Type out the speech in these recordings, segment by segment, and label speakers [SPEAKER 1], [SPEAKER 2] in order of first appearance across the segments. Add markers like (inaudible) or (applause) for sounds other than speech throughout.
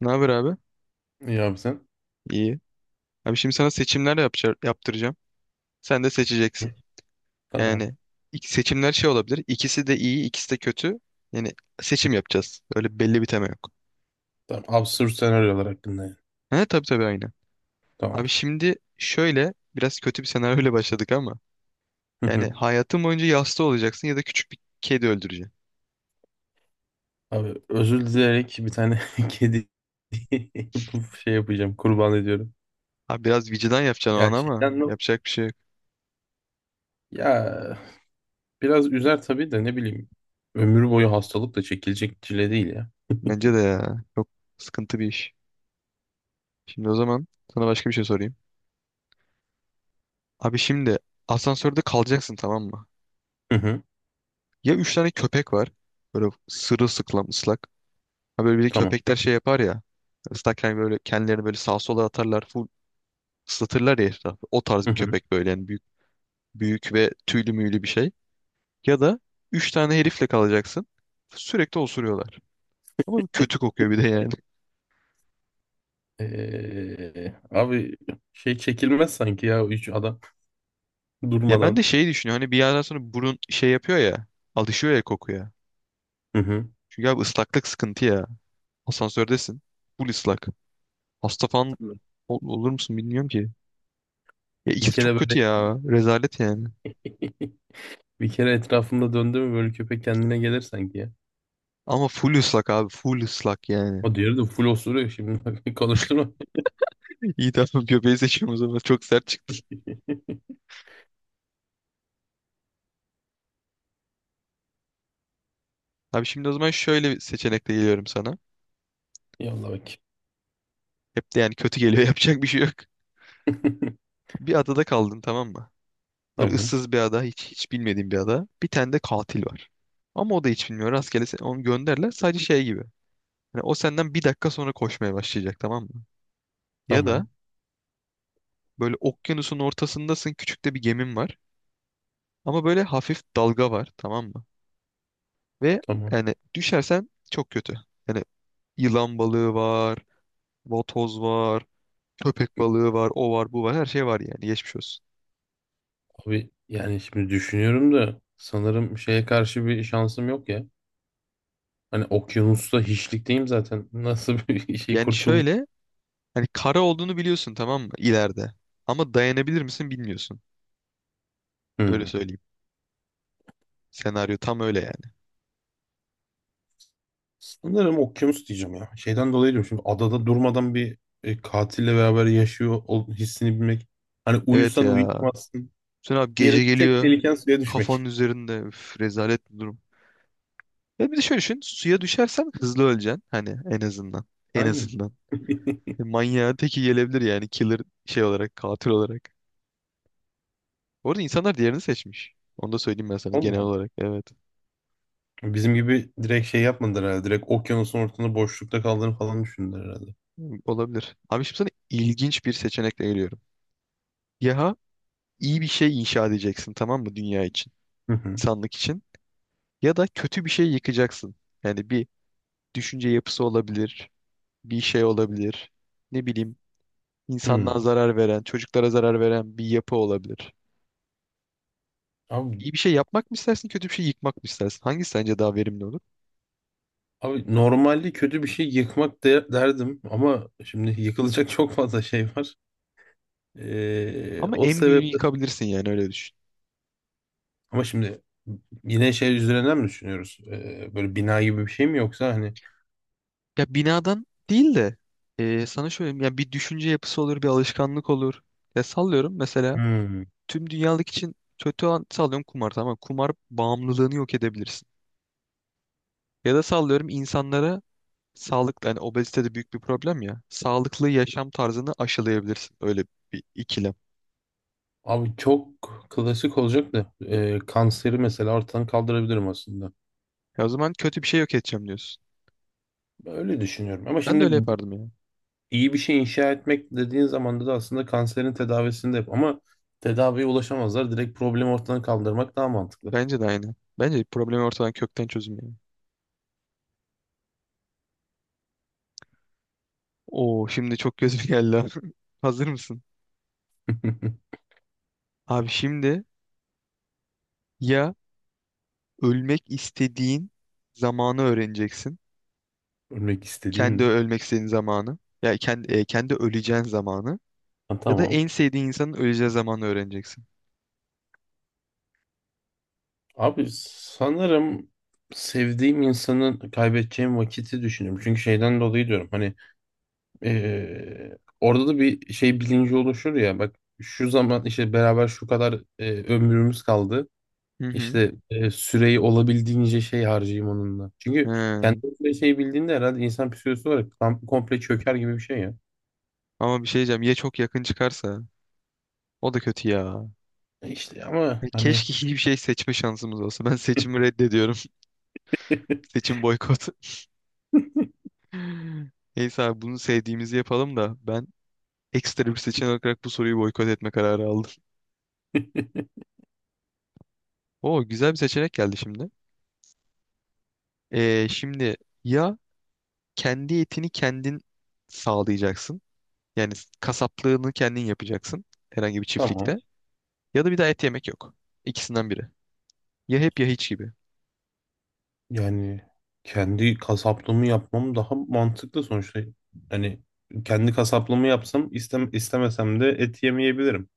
[SPEAKER 1] Ne haber abi?
[SPEAKER 2] İyi abi sen.
[SPEAKER 1] İyi. Abi şimdi sana seçimler yapacağım, yaptıracağım. Sen de
[SPEAKER 2] Hı.
[SPEAKER 1] seçeceksin.
[SPEAKER 2] Tamam.
[SPEAKER 1] Yani seçimler şey olabilir. İkisi de iyi, ikisi de kötü. Yani seçim yapacağız. Öyle belli bir tema yok.
[SPEAKER 2] Tamam. Absürt senaryolar hakkında yani.
[SPEAKER 1] He tabii tabii aynı. Abi
[SPEAKER 2] Tamamdır.
[SPEAKER 1] şimdi şöyle biraz kötü bir senaryoyla (laughs) başladık ama
[SPEAKER 2] Hı
[SPEAKER 1] yani
[SPEAKER 2] hı.
[SPEAKER 1] hayatın boyunca yasta olacaksın ya da küçük bir kedi öldüreceksin.
[SPEAKER 2] Abi özür dileyerek bir tane (laughs) kedi (laughs) bu şey yapacağım. Kurban ediyorum.
[SPEAKER 1] Abi biraz vicdan yapacaksın o
[SPEAKER 2] Ya
[SPEAKER 1] an ama
[SPEAKER 2] şeyden mi?
[SPEAKER 1] yapacak bir şey yok.
[SPEAKER 2] Ya biraz üzer tabii de ne bileyim. Ömür boyu hastalık da çekilecek çile değil ya.
[SPEAKER 1] Bence de
[SPEAKER 2] (laughs)
[SPEAKER 1] ya. Çok sıkıntı bir iş. Şimdi o zaman sana başka bir şey sorayım. Abi şimdi asansörde kalacaksın, tamam mı?
[SPEAKER 2] Hı hı.
[SPEAKER 1] Ya üç tane köpek var. Böyle sırılsıklam ıslak. Ha böyle bir de
[SPEAKER 2] Tamam.
[SPEAKER 1] köpekler şey yapar ya. Islakken böyle kendilerini böyle sağa sola atarlar. Full ıslatırlar ya etrafı. O tarz
[SPEAKER 2] Hı
[SPEAKER 1] bir
[SPEAKER 2] hı.
[SPEAKER 1] köpek böyle yani büyük, büyük ve tüylü müylü bir şey. Ya da üç tane herifle kalacaksın. Sürekli osuruyorlar. Ama bir kötü kokuyor bir de yani.
[SPEAKER 2] Abi şey çekilmez sanki ya üç adam (laughs)
[SPEAKER 1] (laughs) Ya ben de
[SPEAKER 2] durmadan.
[SPEAKER 1] şeyi düşünüyorum. Hani bir yerden sonra burun şey yapıyor ya. Alışıyor ya kokuya.
[SPEAKER 2] Hı hı.
[SPEAKER 1] Çünkü abi ıslaklık sıkıntı ya. Asansördesin. Full ıslak. Hasta falan olur musun bilmiyorum ki. Ya
[SPEAKER 2] Bir
[SPEAKER 1] ikisi
[SPEAKER 2] kere
[SPEAKER 1] çok
[SPEAKER 2] böyle
[SPEAKER 1] kötü ya. Rezalet yani.
[SPEAKER 2] (laughs) Bir kere etrafımda döndü mü böyle köpek kendine gelir sanki ya.
[SPEAKER 1] Ama full ıslak abi. Full ıslak yani.
[SPEAKER 2] O diğeri de full osuruyor şimdi. (laughs) Konuşturma.
[SPEAKER 1] (laughs) İyi, tamam, göbeği seçiyorum o zaman. Çok sert çıktı. Abi şimdi o zaman şöyle bir seçenekle geliyorum sana.
[SPEAKER 2] Yallah bak.
[SPEAKER 1] Hep de yani kötü geliyor. (laughs) Yapacak bir şey yok.
[SPEAKER 2] (laughs)
[SPEAKER 1] Bir adada kaldın, tamam mı? Böyle
[SPEAKER 2] Tamam.
[SPEAKER 1] ıssız bir ada. Hiç, hiç bilmediğin bir ada. Bir tane de katil var. Ama o da hiç bilmiyor. Rastgele onu gönderler. Sadece şey gibi. Hani o senden bir dakika sonra koşmaya başlayacak, tamam mı? Ya
[SPEAKER 2] Tamam.
[SPEAKER 1] da böyle okyanusun ortasındasın. Küçük de bir gemin var. Ama böyle hafif dalga var, tamam mı? Ve
[SPEAKER 2] Tamam.
[SPEAKER 1] yani düşersen çok kötü. Yani yılan balığı var, vatoz var, köpek balığı var, o var, bu var. Her şey var yani. Geçmiş olsun.
[SPEAKER 2] Abi yani şimdi düşünüyorum da sanırım şeye karşı bir şansım yok ya. Hani okyanusta hiçlikteyim zaten. Nasıl bir (laughs) şey
[SPEAKER 1] Yani
[SPEAKER 2] kurtuluş?
[SPEAKER 1] şöyle, hani kara olduğunu biliyorsun tamam mı, ileride. Ama dayanabilir misin bilmiyorsun. Öyle
[SPEAKER 2] Hmm.
[SPEAKER 1] söyleyeyim. Senaryo tam öyle yani.
[SPEAKER 2] Sanırım okyanus diyeceğim ya. Şeyden dolayı diyorum şimdi adada durmadan bir katille beraber yaşıyor hissini bilmek. Hani
[SPEAKER 1] Evet
[SPEAKER 2] uyusan
[SPEAKER 1] ya.
[SPEAKER 2] uyutmazsın.
[SPEAKER 1] Sen abi
[SPEAKER 2] Diğeri
[SPEAKER 1] gece
[SPEAKER 2] tek
[SPEAKER 1] geliyor.
[SPEAKER 2] tehliken suya düşmek.
[SPEAKER 1] Kafanın üzerinde. Üf, rezalet bir durum. Ya bir de şöyle düşün. Suya düşersen hızlı öleceksin. Hani en azından.
[SPEAKER 2] (laughs)
[SPEAKER 1] En
[SPEAKER 2] Aynen.
[SPEAKER 1] azından.
[SPEAKER 2] (laughs)
[SPEAKER 1] Manyağın teki gelebilir yani. Killer şey olarak, katil olarak. Bu arada insanlar diğerini seçmiş. Onu da söyleyeyim ben sana
[SPEAKER 2] Allah
[SPEAKER 1] genel
[SPEAKER 2] Allah.
[SPEAKER 1] olarak. Evet.
[SPEAKER 2] Bizim gibi direkt şey yapmadılar herhalde. Direkt okyanusun ortasında boşlukta kaldığını falan düşündüler herhalde.
[SPEAKER 1] Hmm, olabilir. Abi şimdi sana ilginç bir seçenekle geliyorum. Ya iyi bir şey inşa edeceksin tamam mı, dünya için,
[SPEAKER 2] Hı hı.
[SPEAKER 1] insanlık için, ya da kötü bir şey yıkacaksın. Yani bir düşünce yapısı olabilir, bir şey olabilir, ne bileyim, insanlığa
[SPEAKER 2] Hı.
[SPEAKER 1] zarar veren, çocuklara zarar veren bir yapı olabilir.
[SPEAKER 2] Abi,
[SPEAKER 1] İyi bir şey yapmak mı istersin, kötü bir şey yıkmak mı istersin? Hangisi sence daha verimli olur?
[SPEAKER 2] abi, normalde kötü bir şey yıkmak derdim ama şimdi yıkılacak çok fazla şey var.
[SPEAKER 1] Ama
[SPEAKER 2] O
[SPEAKER 1] en büyüğünü
[SPEAKER 2] sebeple
[SPEAKER 1] yıkabilirsin yani, öyle düşün.
[SPEAKER 2] ama şimdi yine şey üzerinden mi düşünüyoruz? Böyle bina gibi bir şey mi yoksa hani.
[SPEAKER 1] Ya binadan değil de sana şöyle, ya bir düşünce yapısı olur, bir alışkanlık olur. Ya sallıyorum, mesela
[SPEAKER 2] Hmm.
[SPEAKER 1] tüm dünyalık için kötü an sallıyorum kumar, tamam mı? Kumar bağımlılığını yok edebilirsin. Ya da sallıyorum insanlara sağlıklı, hani obezite de büyük bir problem ya. Sağlıklı yaşam tarzını aşılayabilirsin. Öyle bir ikilem.
[SPEAKER 2] Abi çok klasik olacak da kanseri mesela ortadan kaldırabilirim aslında.
[SPEAKER 1] Ya o zaman kötü bir şey yok edeceğim diyorsun.
[SPEAKER 2] Öyle düşünüyorum. Ama
[SPEAKER 1] Ben de öyle
[SPEAKER 2] şimdi
[SPEAKER 1] yapardım ya.
[SPEAKER 2] İyi bir şey inşa etmek dediğin zaman da aslında kanserin tedavisini de yap. Ama tedaviye ulaşamazlar. Direkt problemi ortadan kaldırmak daha mantıklı.
[SPEAKER 1] Bence de aynı. Bence problemi ortadan kökten çözüm yani. Oo şimdi çok gözüme geldi, ha. (laughs) Hazır mısın?
[SPEAKER 2] (laughs)
[SPEAKER 1] Abi şimdi ya ölmek istediğin zamanı öğreneceksin.
[SPEAKER 2] Ölmek istediğim
[SPEAKER 1] Kendi
[SPEAKER 2] mi?
[SPEAKER 1] ölmek istediğin zamanı. Ya kendi, kendi öleceğin zamanı.
[SPEAKER 2] Ha,
[SPEAKER 1] Ya da
[SPEAKER 2] tamam.
[SPEAKER 1] en sevdiğin insanın öleceği zamanı öğreneceksin.
[SPEAKER 2] Abi sanırım sevdiğim insanın kaybedeceğim vakiti düşünüyorum. Çünkü şeyden dolayı diyorum hani orada da bir şey bilinci oluşur ya bak şu zaman işte beraber şu kadar ömrümüz kaldı.
[SPEAKER 1] Hı hı.
[SPEAKER 2] İşte süreyi olabildiğince şey harcayayım onunla. Çünkü kendi
[SPEAKER 1] He.
[SPEAKER 2] süre şey bildiğinde herhalde insan psikolojisi olarak tam komple çöker gibi bir şey ya.
[SPEAKER 1] Ama bir şey diyeceğim. Ya çok yakın çıkarsa? O da kötü ya.
[SPEAKER 2] İşte ama
[SPEAKER 1] Ya
[SPEAKER 2] hani
[SPEAKER 1] keşke hiçbir şey seçme şansımız olsa. Ben seçimi reddediyorum. (laughs)
[SPEAKER 2] (laughs)
[SPEAKER 1] Seçim boykot. (laughs) Neyse abi bunu sevdiğimizi yapalım da, ben ekstra bir seçenek olarak bu soruyu boykot etme kararı aldım. Oo güzel bir seçenek geldi şimdi. Şimdi ya kendi etini kendin sağlayacaksın. Yani kasaplığını kendin yapacaksın. Herhangi bir
[SPEAKER 2] tamam
[SPEAKER 1] çiftlikte. Ya da bir daha et yemek yok. İkisinden biri. Ya hep ya hiç gibi.
[SPEAKER 2] yani kendi kasaplığımı yapmam daha mantıklı sonuçta. Hani kendi kasaplığımı yapsam istem istemesem de et yemeyebilirim.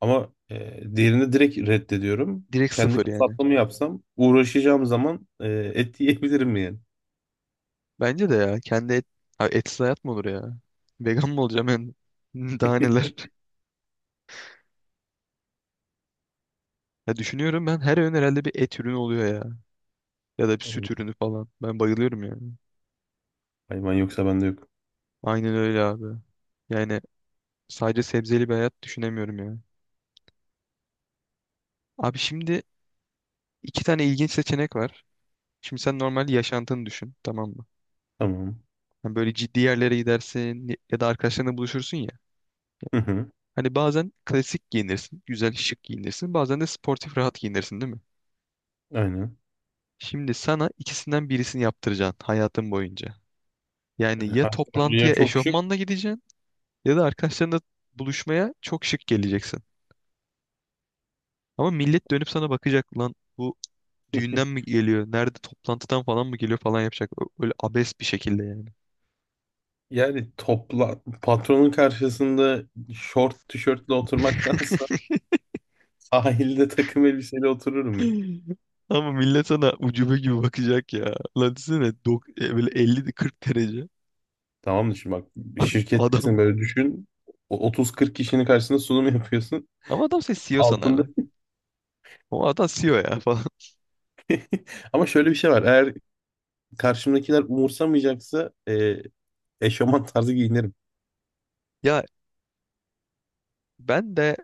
[SPEAKER 2] Ama diğerini direkt reddediyorum.
[SPEAKER 1] Direkt
[SPEAKER 2] Kendi
[SPEAKER 1] sıfır yani.
[SPEAKER 2] kasaplığımı yapsam uğraşacağım zaman et yiyebilirim yani.
[SPEAKER 1] Bence de ya. Kendi et, abi etsiz hayat mı olur ya? Vegan mı olacağım ben? (laughs) Daha neler? Ya düşünüyorum, ben her öğün herhalde bir et ürünü oluyor ya. Ya da bir süt
[SPEAKER 2] (laughs)
[SPEAKER 1] ürünü falan. Ben bayılıyorum yani.
[SPEAKER 2] Hayvan yoksa bende yok.
[SPEAKER 1] Aynen öyle abi. Yani sadece sebzeli bir hayat düşünemiyorum ya. Abi şimdi iki tane ilginç seçenek var. Şimdi sen normal yaşantını düşün, tamam mı?
[SPEAKER 2] Tamam.
[SPEAKER 1] Hani böyle ciddi yerlere gidersin ya da arkadaşlarınla buluşursun ya.
[SPEAKER 2] Hı hı,
[SPEAKER 1] Hani bazen klasik giyinirsin, güzel şık giyinirsin. Bazen de sportif rahat giyinirsin, değil mi?
[SPEAKER 2] aynen.
[SPEAKER 1] Şimdi sana ikisinden birisini yaptıracaksın hayatın boyunca. Yani
[SPEAKER 2] Yani
[SPEAKER 1] ya
[SPEAKER 2] Hakan Hoca ya
[SPEAKER 1] toplantıya
[SPEAKER 2] çok şık.
[SPEAKER 1] eşofmanla gideceksin ya da arkadaşlarınla buluşmaya çok şık geleceksin. Ama millet dönüp sana bakacak, lan bu düğünden mi
[SPEAKER 2] (laughs)
[SPEAKER 1] geliyor? Nerede, toplantıdan falan mı geliyor falan yapacak. Öyle abes bir şekilde yani.
[SPEAKER 2] Yani topla patronun karşısında şort tişörtle oturmaktansa (laughs) sahilde takım elbiseyle otururum ya.
[SPEAKER 1] Ama millet sana ucube gibi bakacak ya. Lan desene böyle 50 40 derece
[SPEAKER 2] Tamam mı şimdi bak bir
[SPEAKER 1] (laughs) adam.
[SPEAKER 2] şirkettesin böyle düşün. O 30-40 kişinin karşısında sunum yapıyorsun.
[SPEAKER 1] Ama adam seni CEO
[SPEAKER 2] Altında
[SPEAKER 1] sanarlar. O adam CEO ya falan. (laughs)
[SPEAKER 2] (laughs) ama şöyle bir şey var. Eğer karşımdakiler umursamayacaksa eşofman tarzı giyinirim.
[SPEAKER 1] Ya ben de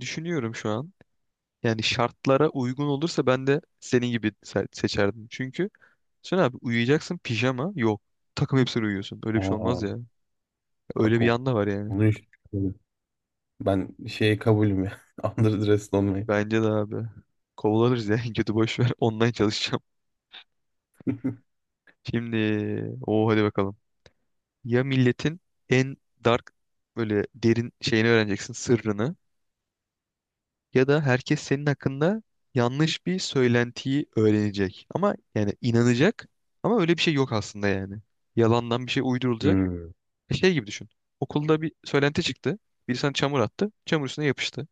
[SPEAKER 1] düşünüyorum şu an. Yani şartlara uygun olursa ben de senin gibi seçerdim. Çünkü sen abi uyuyacaksın, pijama yok. Takım elbiseyle uyuyorsun. Öyle bir şey
[SPEAKER 2] Aa,
[SPEAKER 1] olmaz ya. Öyle
[SPEAKER 2] bak
[SPEAKER 1] bir yanda var yani.
[SPEAKER 2] onu hiç düşünmedim. Ben şeye kabulüm ya. (laughs) Underdressed olmayı.
[SPEAKER 1] Bence de abi. Kovalanırız ya. (laughs) En kötü boş ver. Online çalışacağım. Şimdi o, hadi bakalım. Ya milletin en dark böyle derin şeyini öğreneceksin, sırrını, ya da herkes senin hakkında yanlış bir söylentiyi öğrenecek. Ama yani inanacak ama öyle bir şey yok aslında yani. Yalandan bir şey uydurulacak.
[SPEAKER 2] Hmm.
[SPEAKER 1] Şey gibi düşün. Okulda bir söylenti çıktı. Biri sana çamur attı. Çamur üstüne yapıştı.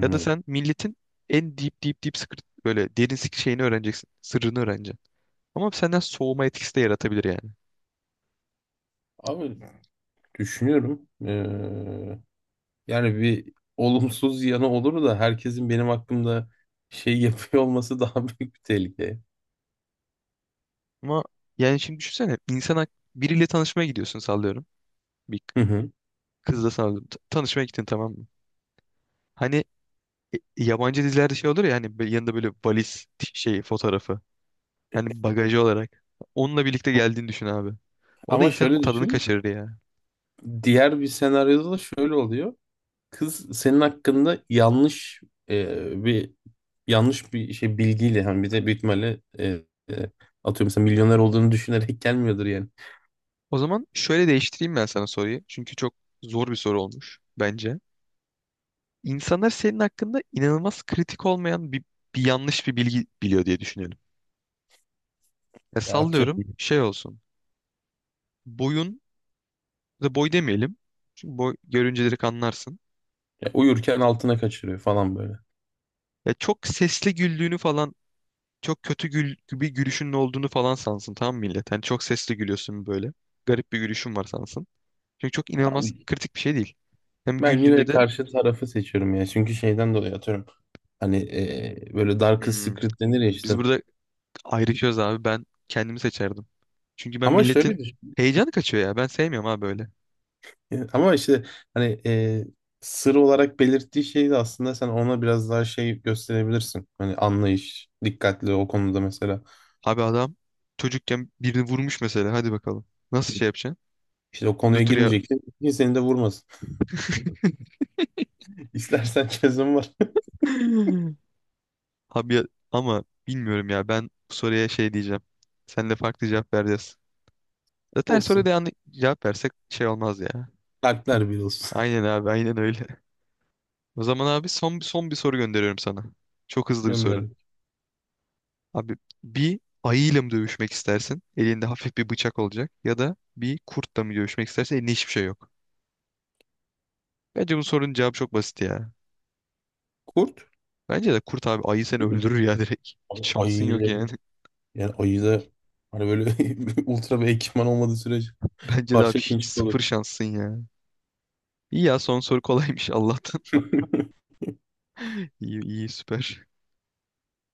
[SPEAKER 1] Ya da sen milletin en deep deep deep secret böyle derin şeyini öğreneceksin. Sırrını öğreneceksin. Ama senden soğuma etkisi de yaratabilir yani.
[SPEAKER 2] Abi düşünüyorum. Yani bir olumsuz yanı olur da herkesin benim hakkımda şey (laughs) yapıyor olması daha (laughs) büyük bir tehlike.
[SPEAKER 1] Ama yani şimdi düşünsene, insan biriyle tanışmaya gidiyorsun sallıyorum. Bir
[SPEAKER 2] Hı hı.
[SPEAKER 1] kızla sallıyorum. T- tanışmaya gittin tamam mı? Hani yabancı dizilerde şey olur ya, hani böyle yanında böyle valiz şey fotoğrafı. Hani bagajı olarak. Onunla birlikte geldiğini düşün abi. O da
[SPEAKER 2] Ama
[SPEAKER 1] insanın
[SPEAKER 2] şöyle
[SPEAKER 1] tadını
[SPEAKER 2] düşün.
[SPEAKER 1] kaçırır ya.
[SPEAKER 2] Diğer bir senaryoda da şöyle oluyor. Kız senin hakkında bir yanlış bir şey bilgiyle hani bir de büyük ihtimalle atıyorum mesela milyoner olduğunu düşünerek gelmiyordur yani.
[SPEAKER 1] O zaman şöyle değiştireyim ben sana soruyu. Çünkü çok zor bir soru olmuş bence. İnsanlar senin hakkında inanılmaz kritik olmayan bir, bir yanlış bir bilgi biliyor diye düşünelim. Ya
[SPEAKER 2] Ya
[SPEAKER 1] sallıyorum
[SPEAKER 2] atıyorum.
[SPEAKER 1] şey olsun. Boyun, da boy demeyelim. Çünkü boy görünce direkt anlarsın.
[SPEAKER 2] Ya uyurken altına kaçırıyor falan böyle.
[SPEAKER 1] Ya çok sesli güldüğünü falan, çok kötü gül, bir gülüşünün olduğunu falan sansın tamam mı millet? Hani çok sesli gülüyorsun böyle. Garip bir gülüşün var sansın. Çünkü çok inanılmaz kritik bir şey değil. Hem
[SPEAKER 2] Ben
[SPEAKER 1] güldüğünde
[SPEAKER 2] yine
[SPEAKER 1] de
[SPEAKER 2] karşı tarafı seçiyorum ya. Çünkü şeyden dolayı atıyorum. Hani böyle Darkest
[SPEAKER 1] hmm,
[SPEAKER 2] Secret denir ya
[SPEAKER 1] biz
[SPEAKER 2] işte.
[SPEAKER 1] burada ayrışıyoruz abi, ben kendimi seçerdim. Çünkü ben
[SPEAKER 2] Ama şöyle
[SPEAKER 1] milletin
[SPEAKER 2] düşün.
[SPEAKER 1] heyecanı kaçıyor ya. Ben sevmiyorum abi böyle.
[SPEAKER 2] Yani ama işte hani sır olarak belirttiği şeyi de aslında sen ona biraz daha şey gösterebilirsin. Hani anlayış, dikkatli o konuda mesela.
[SPEAKER 1] Abi adam çocukken birini vurmuş mesela, hadi bakalım. Nasıl şey yapacaksın?
[SPEAKER 2] İşte o konuya
[SPEAKER 1] Nötr ya
[SPEAKER 2] girmeyeceksin ki seni de vurmasın. (laughs) İstersen çözüm var.
[SPEAKER 1] abi, ama bilmiyorum ya, ben bu soruya şey diyeceğim. Sen de farklı cevap vereceğiz.
[SPEAKER 2] (laughs)
[SPEAKER 1] Zaten soruya
[SPEAKER 2] Olsun.
[SPEAKER 1] da yanlış cevap versek şey olmaz ya.
[SPEAKER 2] Kalpler bir olsun.
[SPEAKER 1] Aynen abi, aynen öyle. (laughs) O zaman abi son, son bir soru gönderiyorum sana. Çok
[SPEAKER 2] (laughs)
[SPEAKER 1] hızlı bir soru.
[SPEAKER 2] Gönder.
[SPEAKER 1] Abi bir ayıyla mı dövüşmek istersin? Elinde hafif bir bıçak olacak. Ya da bir kurtla mı dövüşmek istersin? Elinde hiçbir şey yok. Bence bu sorunun cevabı çok basit ya.
[SPEAKER 2] Kurt
[SPEAKER 1] Bence de kurt abi, ayı seni
[SPEAKER 2] değil mi?
[SPEAKER 1] öldürür ya (laughs) direkt. Hiç
[SPEAKER 2] Ayı
[SPEAKER 1] şansın yok
[SPEAKER 2] ile
[SPEAKER 1] yani. (laughs)
[SPEAKER 2] yani ayı da hani böyle (laughs) ultra bir ekipman olmadığı sürece
[SPEAKER 1] Bence de abi
[SPEAKER 2] Parça
[SPEAKER 1] hiç
[SPEAKER 2] pinçik olur.
[SPEAKER 1] sıfır şansın ya. İyi ya, son soru kolaymış Allah'tan.
[SPEAKER 2] (laughs)
[SPEAKER 1] (laughs) İyi iyi, süper.